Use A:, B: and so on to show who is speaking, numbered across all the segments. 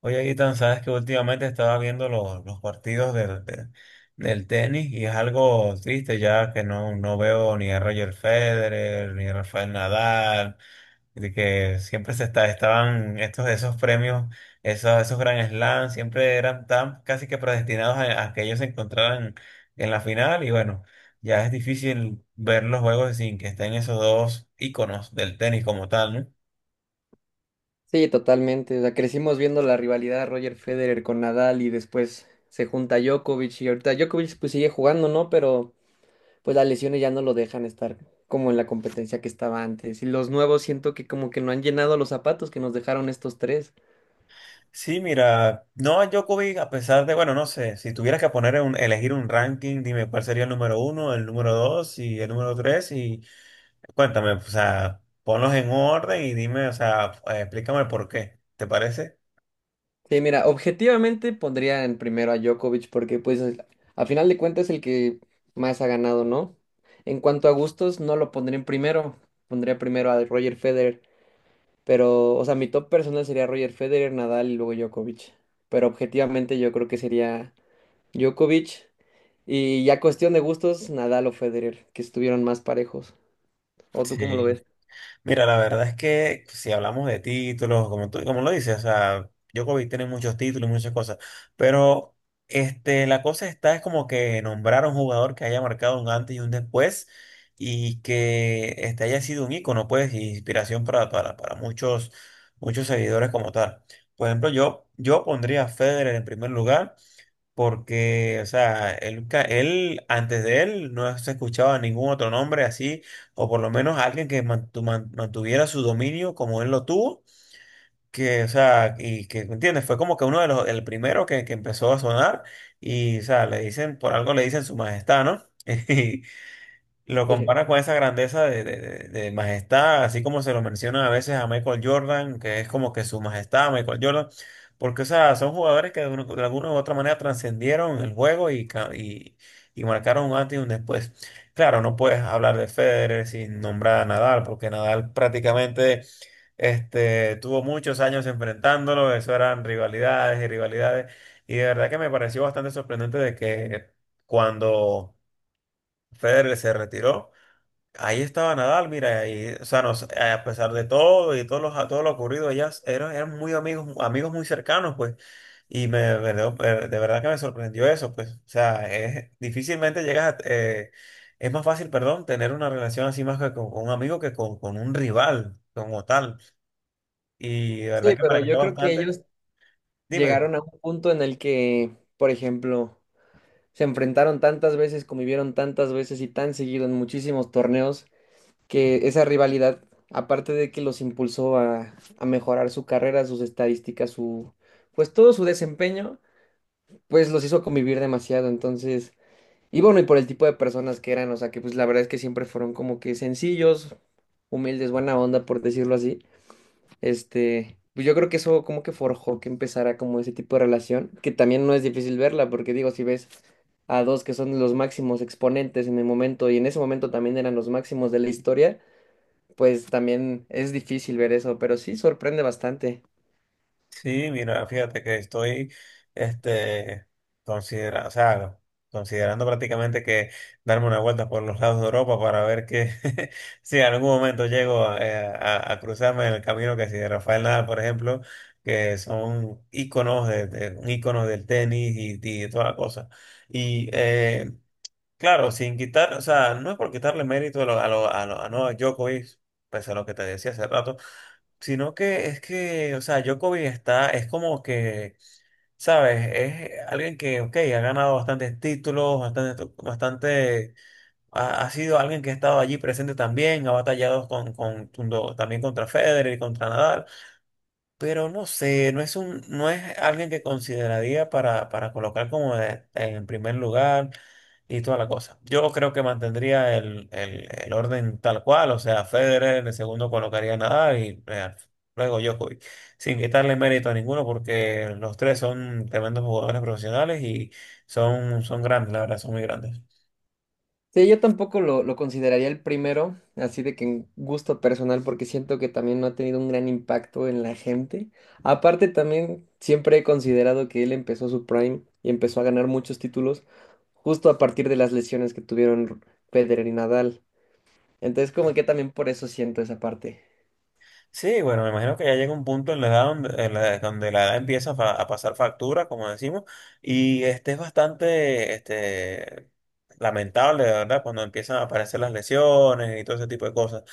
A: Oye, Ethan, sabes que últimamente estaba viendo los partidos del tenis y es algo triste ya que no veo ni a Roger Federer ni a Rafael Nadal, de que siempre estaban esos premios, esos Grand Slam, siempre eran tan casi que predestinados a que ellos se encontraran en la final y bueno, ya es difícil ver los juegos sin que estén esos dos íconos del tenis como tal, ¿no?
B: Sí, totalmente. O sea, crecimos viendo la rivalidad de Roger Federer con Nadal y después se junta Djokovic y ahorita Djokovic pues sigue jugando, ¿no? Pero pues las lesiones ya no lo dejan estar como en la competencia que estaba antes. Y los nuevos siento que como que no han llenado los zapatos que nos dejaron estos tres.
A: Sí, mira, no a Djokovic, a pesar de, bueno, no sé, si tuvieras que poner elegir un ranking, dime cuál sería el número uno, el número dos y el número tres y cuéntame, o sea, ponlos en orden y dime, o sea, explícame por qué, ¿te parece?
B: Sí, mira, objetivamente pondría en primero a Djokovic porque pues a final de cuentas es el que más ha ganado, ¿no? En cuanto a gustos, no lo pondría en primero. Pondría primero a Roger Federer. Pero, o sea, mi top personal sería Roger Federer, Nadal y luego Djokovic. Pero objetivamente yo creo que sería Djokovic. Y ya cuestión de gustos, Nadal o Federer, que estuvieron más parejos. ¿O tú cómo lo
A: Sí.
B: ves?
A: Mira, la verdad es que si hablamos de títulos, como tú, como lo dices, o sea, Djokovic tiene muchos títulos y muchas cosas, pero este, la cosa está es como que nombrar a un jugador que haya marcado un antes y un después y que este, haya sido un ícono, pues, y inspiración para muchos, muchos seguidores como tal. Por ejemplo, yo pondría a Federer en primer lugar. Porque, o sea, él, antes de él no se escuchaba ningún otro nombre así, o por lo menos alguien que mantuviera su dominio como él lo tuvo, que, o sea, y que, ¿me ¿entiendes? Fue como que uno de los, el primero que, empezó a sonar, y, o sea, le dicen, por algo le dicen su majestad, ¿no? Lo
B: Sí.
A: compara con esa grandeza de majestad, así como se lo mencionan a veces a Michael Jordan, que es como que su majestad, Michael Jordan, porque o sea, son jugadores que de alguna u otra manera trascendieron el juego y marcaron un antes y un después. Claro, no puedes hablar de Federer sin nombrar a Nadal, porque Nadal prácticamente este, tuvo muchos años enfrentándolo, eso eran rivalidades y rivalidades, y de verdad que me pareció bastante sorprendente de que cuando Federer se retiró, ahí estaba Nadal, mira, y, o sea, a pesar de todo y todo lo ocurrido, ellas eran, eran muy amigos, amigos muy cercanos, pues, y me, de verdad que me sorprendió eso, pues, o sea, difícilmente llegas es más fácil, perdón, tener una relación así más que con un amigo que con un rival como tal, y de verdad
B: Sí,
A: que me
B: pero
A: alegró
B: yo creo que
A: bastante,
B: ellos
A: dime.
B: llegaron a un punto en el que, por ejemplo, se enfrentaron tantas veces, convivieron tantas veces y tan seguido en muchísimos torneos, que esa rivalidad, aparte de que los impulsó a mejorar su carrera, sus estadísticas, pues todo su desempeño pues los hizo convivir demasiado, entonces, y bueno, y por el tipo de personas que eran, o sea, que pues la verdad es que siempre fueron como que sencillos, humildes, buena onda, por decirlo así, este, pues yo creo que eso como que forjó que empezara como ese tipo de relación, que también no es difícil verla, porque digo, si ves a dos que son los máximos exponentes en el momento, y en ese momento también eran los máximos de la historia, pues también es difícil ver eso, pero sí sorprende bastante.
A: Sí, mira, fíjate que estoy este, considera, o sea, considerando prácticamente que darme una vuelta por los lados de Europa para ver que si en algún momento llego a cruzarme en el camino que si de Rafael Nadal, por ejemplo, que son íconos, íconos del tenis y de toda la cosa. Y claro, sin quitar, o sea, no es por quitarle mérito a Novak Djokovic, pese a lo que te decía hace rato. Sino que es que, o sea, Djokovic está, es como que, ¿sabes? Es alguien que, ok, ha ganado bastantes títulos, bastante, bastante, ha, ha sido alguien que ha estado allí presente también, ha batallado también contra Federer y contra Nadal. Pero no sé, no es un, no es alguien que consideraría para colocar como en primer lugar y toda la cosa. Yo creo que mantendría el orden tal cual, o sea, Federer, en el segundo colocaría a Nadal y luego Djokovic, sin quitarle mérito a ninguno porque los tres son tremendos jugadores profesionales y son, son grandes, la verdad, son muy grandes.
B: Sí, yo tampoco lo consideraría el primero, así de que en gusto personal, porque siento que también no ha tenido un gran impacto en la gente. Aparte, también siempre he considerado que él empezó su prime y empezó a ganar muchos títulos justo a partir de las lesiones que tuvieron Federer y Nadal. Entonces, como que también por eso siento esa parte.
A: Sí, bueno, me imagino que ya llega un punto en la edad donde, en la, donde la edad empieza a pasar factura, como decimos, y este es bastante este, lamentable, de verdad, cuando empiezan a aparecer las lesiones y todo ese tipo de cosas.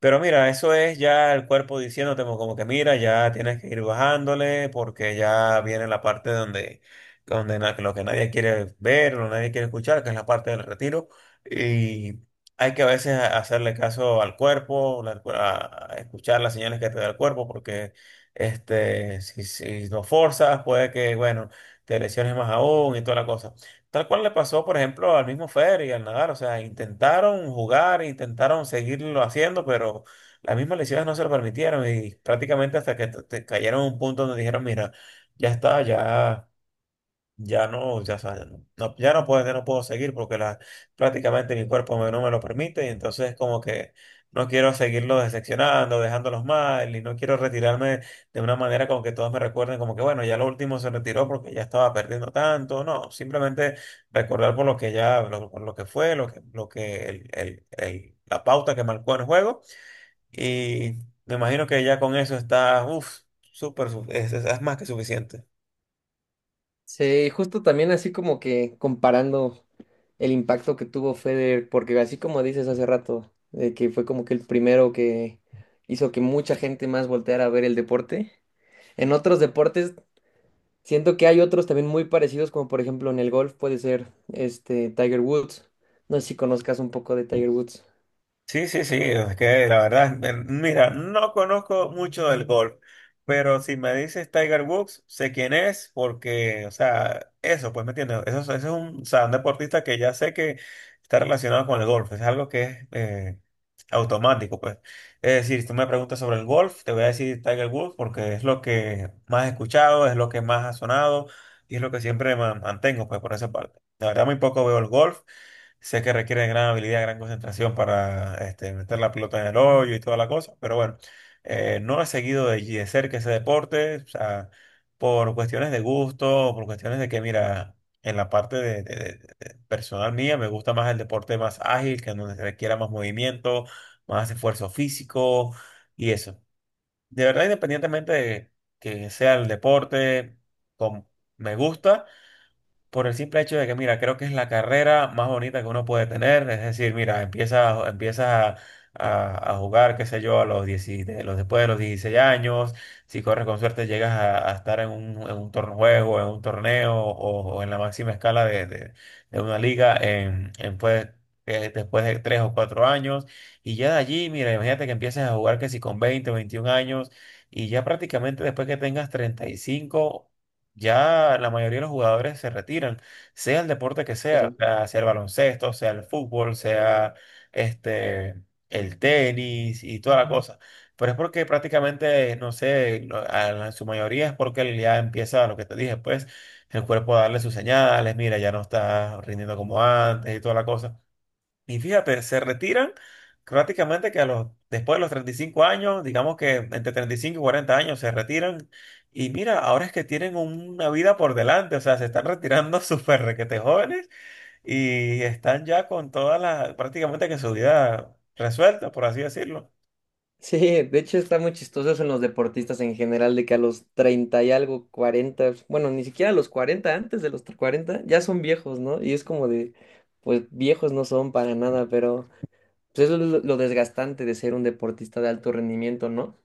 A: Pero mira, eso es ya el cuerpo diciéndote como que mira, ya tienes que ir bajándole porque ya viene la parte donde, donde lo que nadie quiere ver, lo que nadie quiere escuchar, que es la parte del retiro. Y hay que a veces hacerle caso al cuerpo, a escuchar las señales que te da el cuerpo porque este, si lo forzas puede que, bueno, te lesiones más aún y toda la cosa. Tal cual le pasó, por ejemplo, al mismo Fer y al Nadal. O sea, intentaron jugar, intentaron seguirlo haciendo, pero las mismas lesiones no se lo permitieron y prácticamente hasta que te cayeron a un punto donde dijeron, mira, ya está, ya. Ya no, ya, no, ya no puedo, seguir porque la, prácticamente mi cuerpo no me lo permite y entonces como que no quiero seguirlo decepcionando, dejándolos mal y no quiero retirarme de una manera como que todos me recuerden como que bueno, ya lo último se retiró porque ya estaba perdiendo tanto, no, simplemente recordar por lo que ya, por lo que fue, lo que la pauta que marcó en el juego y me imagino que ya con eso está, uff, súper, es más que suficiente.
B: Sí, justo también así como que comparando el impacto que tuvo Federer, porque así como dices hace rato, de que fue como que el primero que hizo que mucha gente más volteara a ver el deporte. En otros deportes siento que hay otros también muy parecidos, como por ejemplo en el golf puede ser este Tiger Woods. No sé si conozcas un poco de Tiger Woods.
A: Sí, sí, sí, es que la verdad, mira, no conozco mucho del golf, pero si me dices Tiger Woods, sé quién es, porque, o sea, eso, pues me entiendes, eso, eso es un, o sea, un deportista que ya sé que está relacionado con el golf, es algo que es automático, pues. Es decir, si tú me preguntas sobre el golf, te voy a decir Tiger Woods porque es lo que más he escuchado, es lo que más ha sonado y es lo que siempre mantengo, pues, por esa parte. La verdad, muy poco veo el golf. Sé que requiere de gran habilidad, gran concentración para este, meter la pelota en el hoyo y toda la cosa, pero bueno, no he seguido de cerca ese deporte, o sea, por cuestiones de gusto, por cuestiones de que, mira, en la parte de personal mía me gusta más el deporte más ágil, que donde se requiera más movimiento, más esfuerzo físico y eso. De verdad, independientemente de que sea el deporte, com- me gusta. Por el simple hecho de que, mira, creo que es la carrera más bonita que uno puede tener. Es decir, mira, empiezas a jugar, qué sé yo, a los 10 de los, después de los 16 años. Si corres con suerte, llegas a estar en un torneo, juego, en un torneo o en la máxima escala de una liga en, pues, después de 3 o 4 años. Y ya de allí, mira, imagínate que empieces a jugar que si con 20 o 21 años. Y ya prácticamente después que tengas 35 ya la mayoría de los jugadores se retiran, sea el deporte que sea, o sea, sea el baloncesto, sea el fútbol, sea este, el tenis y toda la cosa. Pero es porque prácticamente, no sé, su mayoría es porque ya empieza lo que te dije, pues el cuerpo a darle sus señales, mira, ya no está rindiendo como antes y toda la cosa. Y fíjate, se retiran prácticamente que después de los 35 años, digamos que entre 35 y 40 años se retiran. Y mira, ahora es que tienen una vida por delante, o sea, se están retirando súper requete jóvenes y están ya con toda la, prácticamente que su vida resuelta, por así decirlo.
B: Sí, de hecho está muy chistoso eso en los deportistas en general, de que a los 30 y algo, 40, bueno, ni siquiera a los 40 antes de los 40 ya son viejos, ¿no? Y es como de, pues viejos no son para nada, pero pues eso es lo desgastante de ser un deportista de alto rendimiento, ¿no?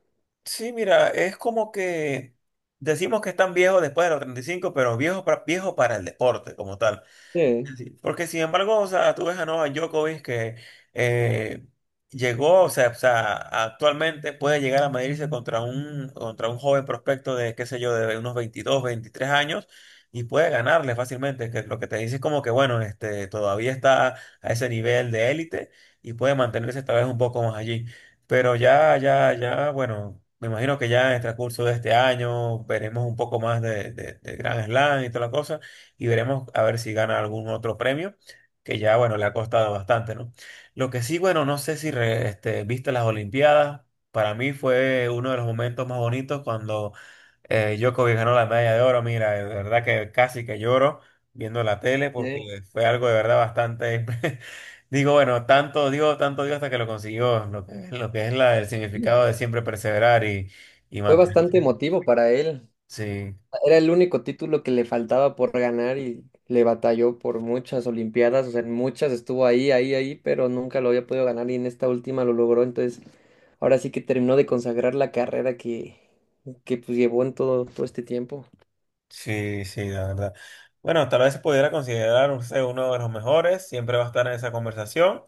A: Sí, mira, es como que decimos que están viejos después de los 35 pero viejos para, viejos para el deporte como tal.
B: Sí.
A: Sí. Porque sin embargo, o sea, tú ves a Novak Djokovic que eh, llegó, o sea, actualmente puede llegar a medirse contra un joven prospecto de, qué sé yo, de unos 22, 23 años y puede ganarle fácilmente, que lo que te dice es como que, bueno, este, todavía está a ese nivel de élite y puede mantenerse tal vez un poco más allí. Pero ya, bueno, me imagino que ya en el transcurso de este año veremos un poco más de Grand Slam y toda la cosa y veremos a ver si gana algún otro premio, que ya, bueno, le ha costado bastante, ¿no? Lo que sí, bueno, no sé si este, viste las Olimpiadas. Para mí fue uno de los momentos más bonitos cuando Djokovic ganó la medalla de oro. Mira, de verdad que casi que lloro viendo la tele
B: Sí.
A: porque fue algo de verdad bastante. Digo, bueno, tanto digo hasta que lo consiguió, lo que, es la, el
B: Sí.
A: significado de siempre perseverar y
B: Fue bastante
A: mantenerse.
B: emotivo para él.
A: Sí.
B: Era el único título que le faltaba por ganar y le batalló por muchas Olimpiadas, o sea, en muchas estuvo ahí, ahí, ahí, pero nunca lo había podido ganar y en esta última lo logró, entonces ahora sí que terminó de consagrar la carrera que pues llevó en todo, todo este tiempo.
A: Sí, sí, la verdad. Bueno, tal vez se pudiera considerar usted uno de los mejores, siempre va a estar en esa conversación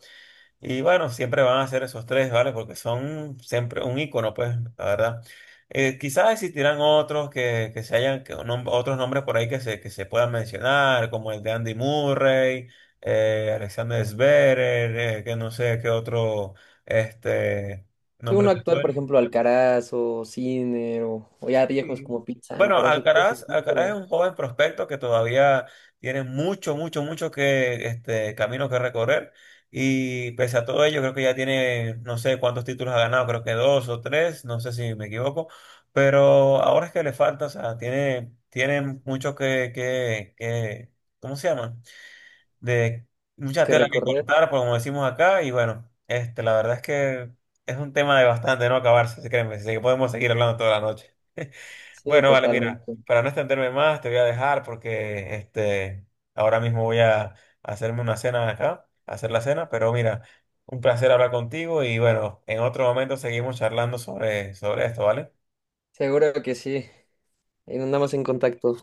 A: y bueno, siempre van a ser esos tres, ¿vale? Porque son siempre un icono, pues, la verdad. Quizás existirán otros que, se hayan, que otros nombres por ahí que se puedan mencionar, como el de Andy Murray, Alexander Zverev, que no sé qué otro, este,
B: Y uno
A: nombre te
B: actual, por
A: suena.
B: ejemplo, Alcaraz o Sinner o, ya viejos
A: Y,
B: como Pete
A: Bueno,
B: Sampras o cosas
A: Alcaraz,
B: así,
A: Alcaraz es
B: pero
A: un joven prospecto que todavía tiene mucho, mucho, mucho que este camino que recorrer. Y pese a todo ello, creo que ya tiene, no sé cuántos títulos ha ganado, creo que dos o tres, no sé si me equivoco. Pero ahora es que le falta, o sea, tiene mucho que, que, ¿cómo se llama? De mucha
B: que
A: tela que
B: recorrer,
A: cortar, pues, como decimos acá. Y bueno, este, la verdad es que es un tema de bastante no acabarse, créeme, así que podemos seguir hablando toda la noche.
B: sí,
A: Bueno, vale, mira,
B: totalmente.
A: para no extenderme más, te voy a dejar porque este, ahora mismo voy a hacerme una cena acá, a hacer la cena, pero mira, un placer hablar contigo y bueno, en otro momento seguimos charlando sobre esto, ¿vale?
B: Seguro que sí, ahí andamos en contacto.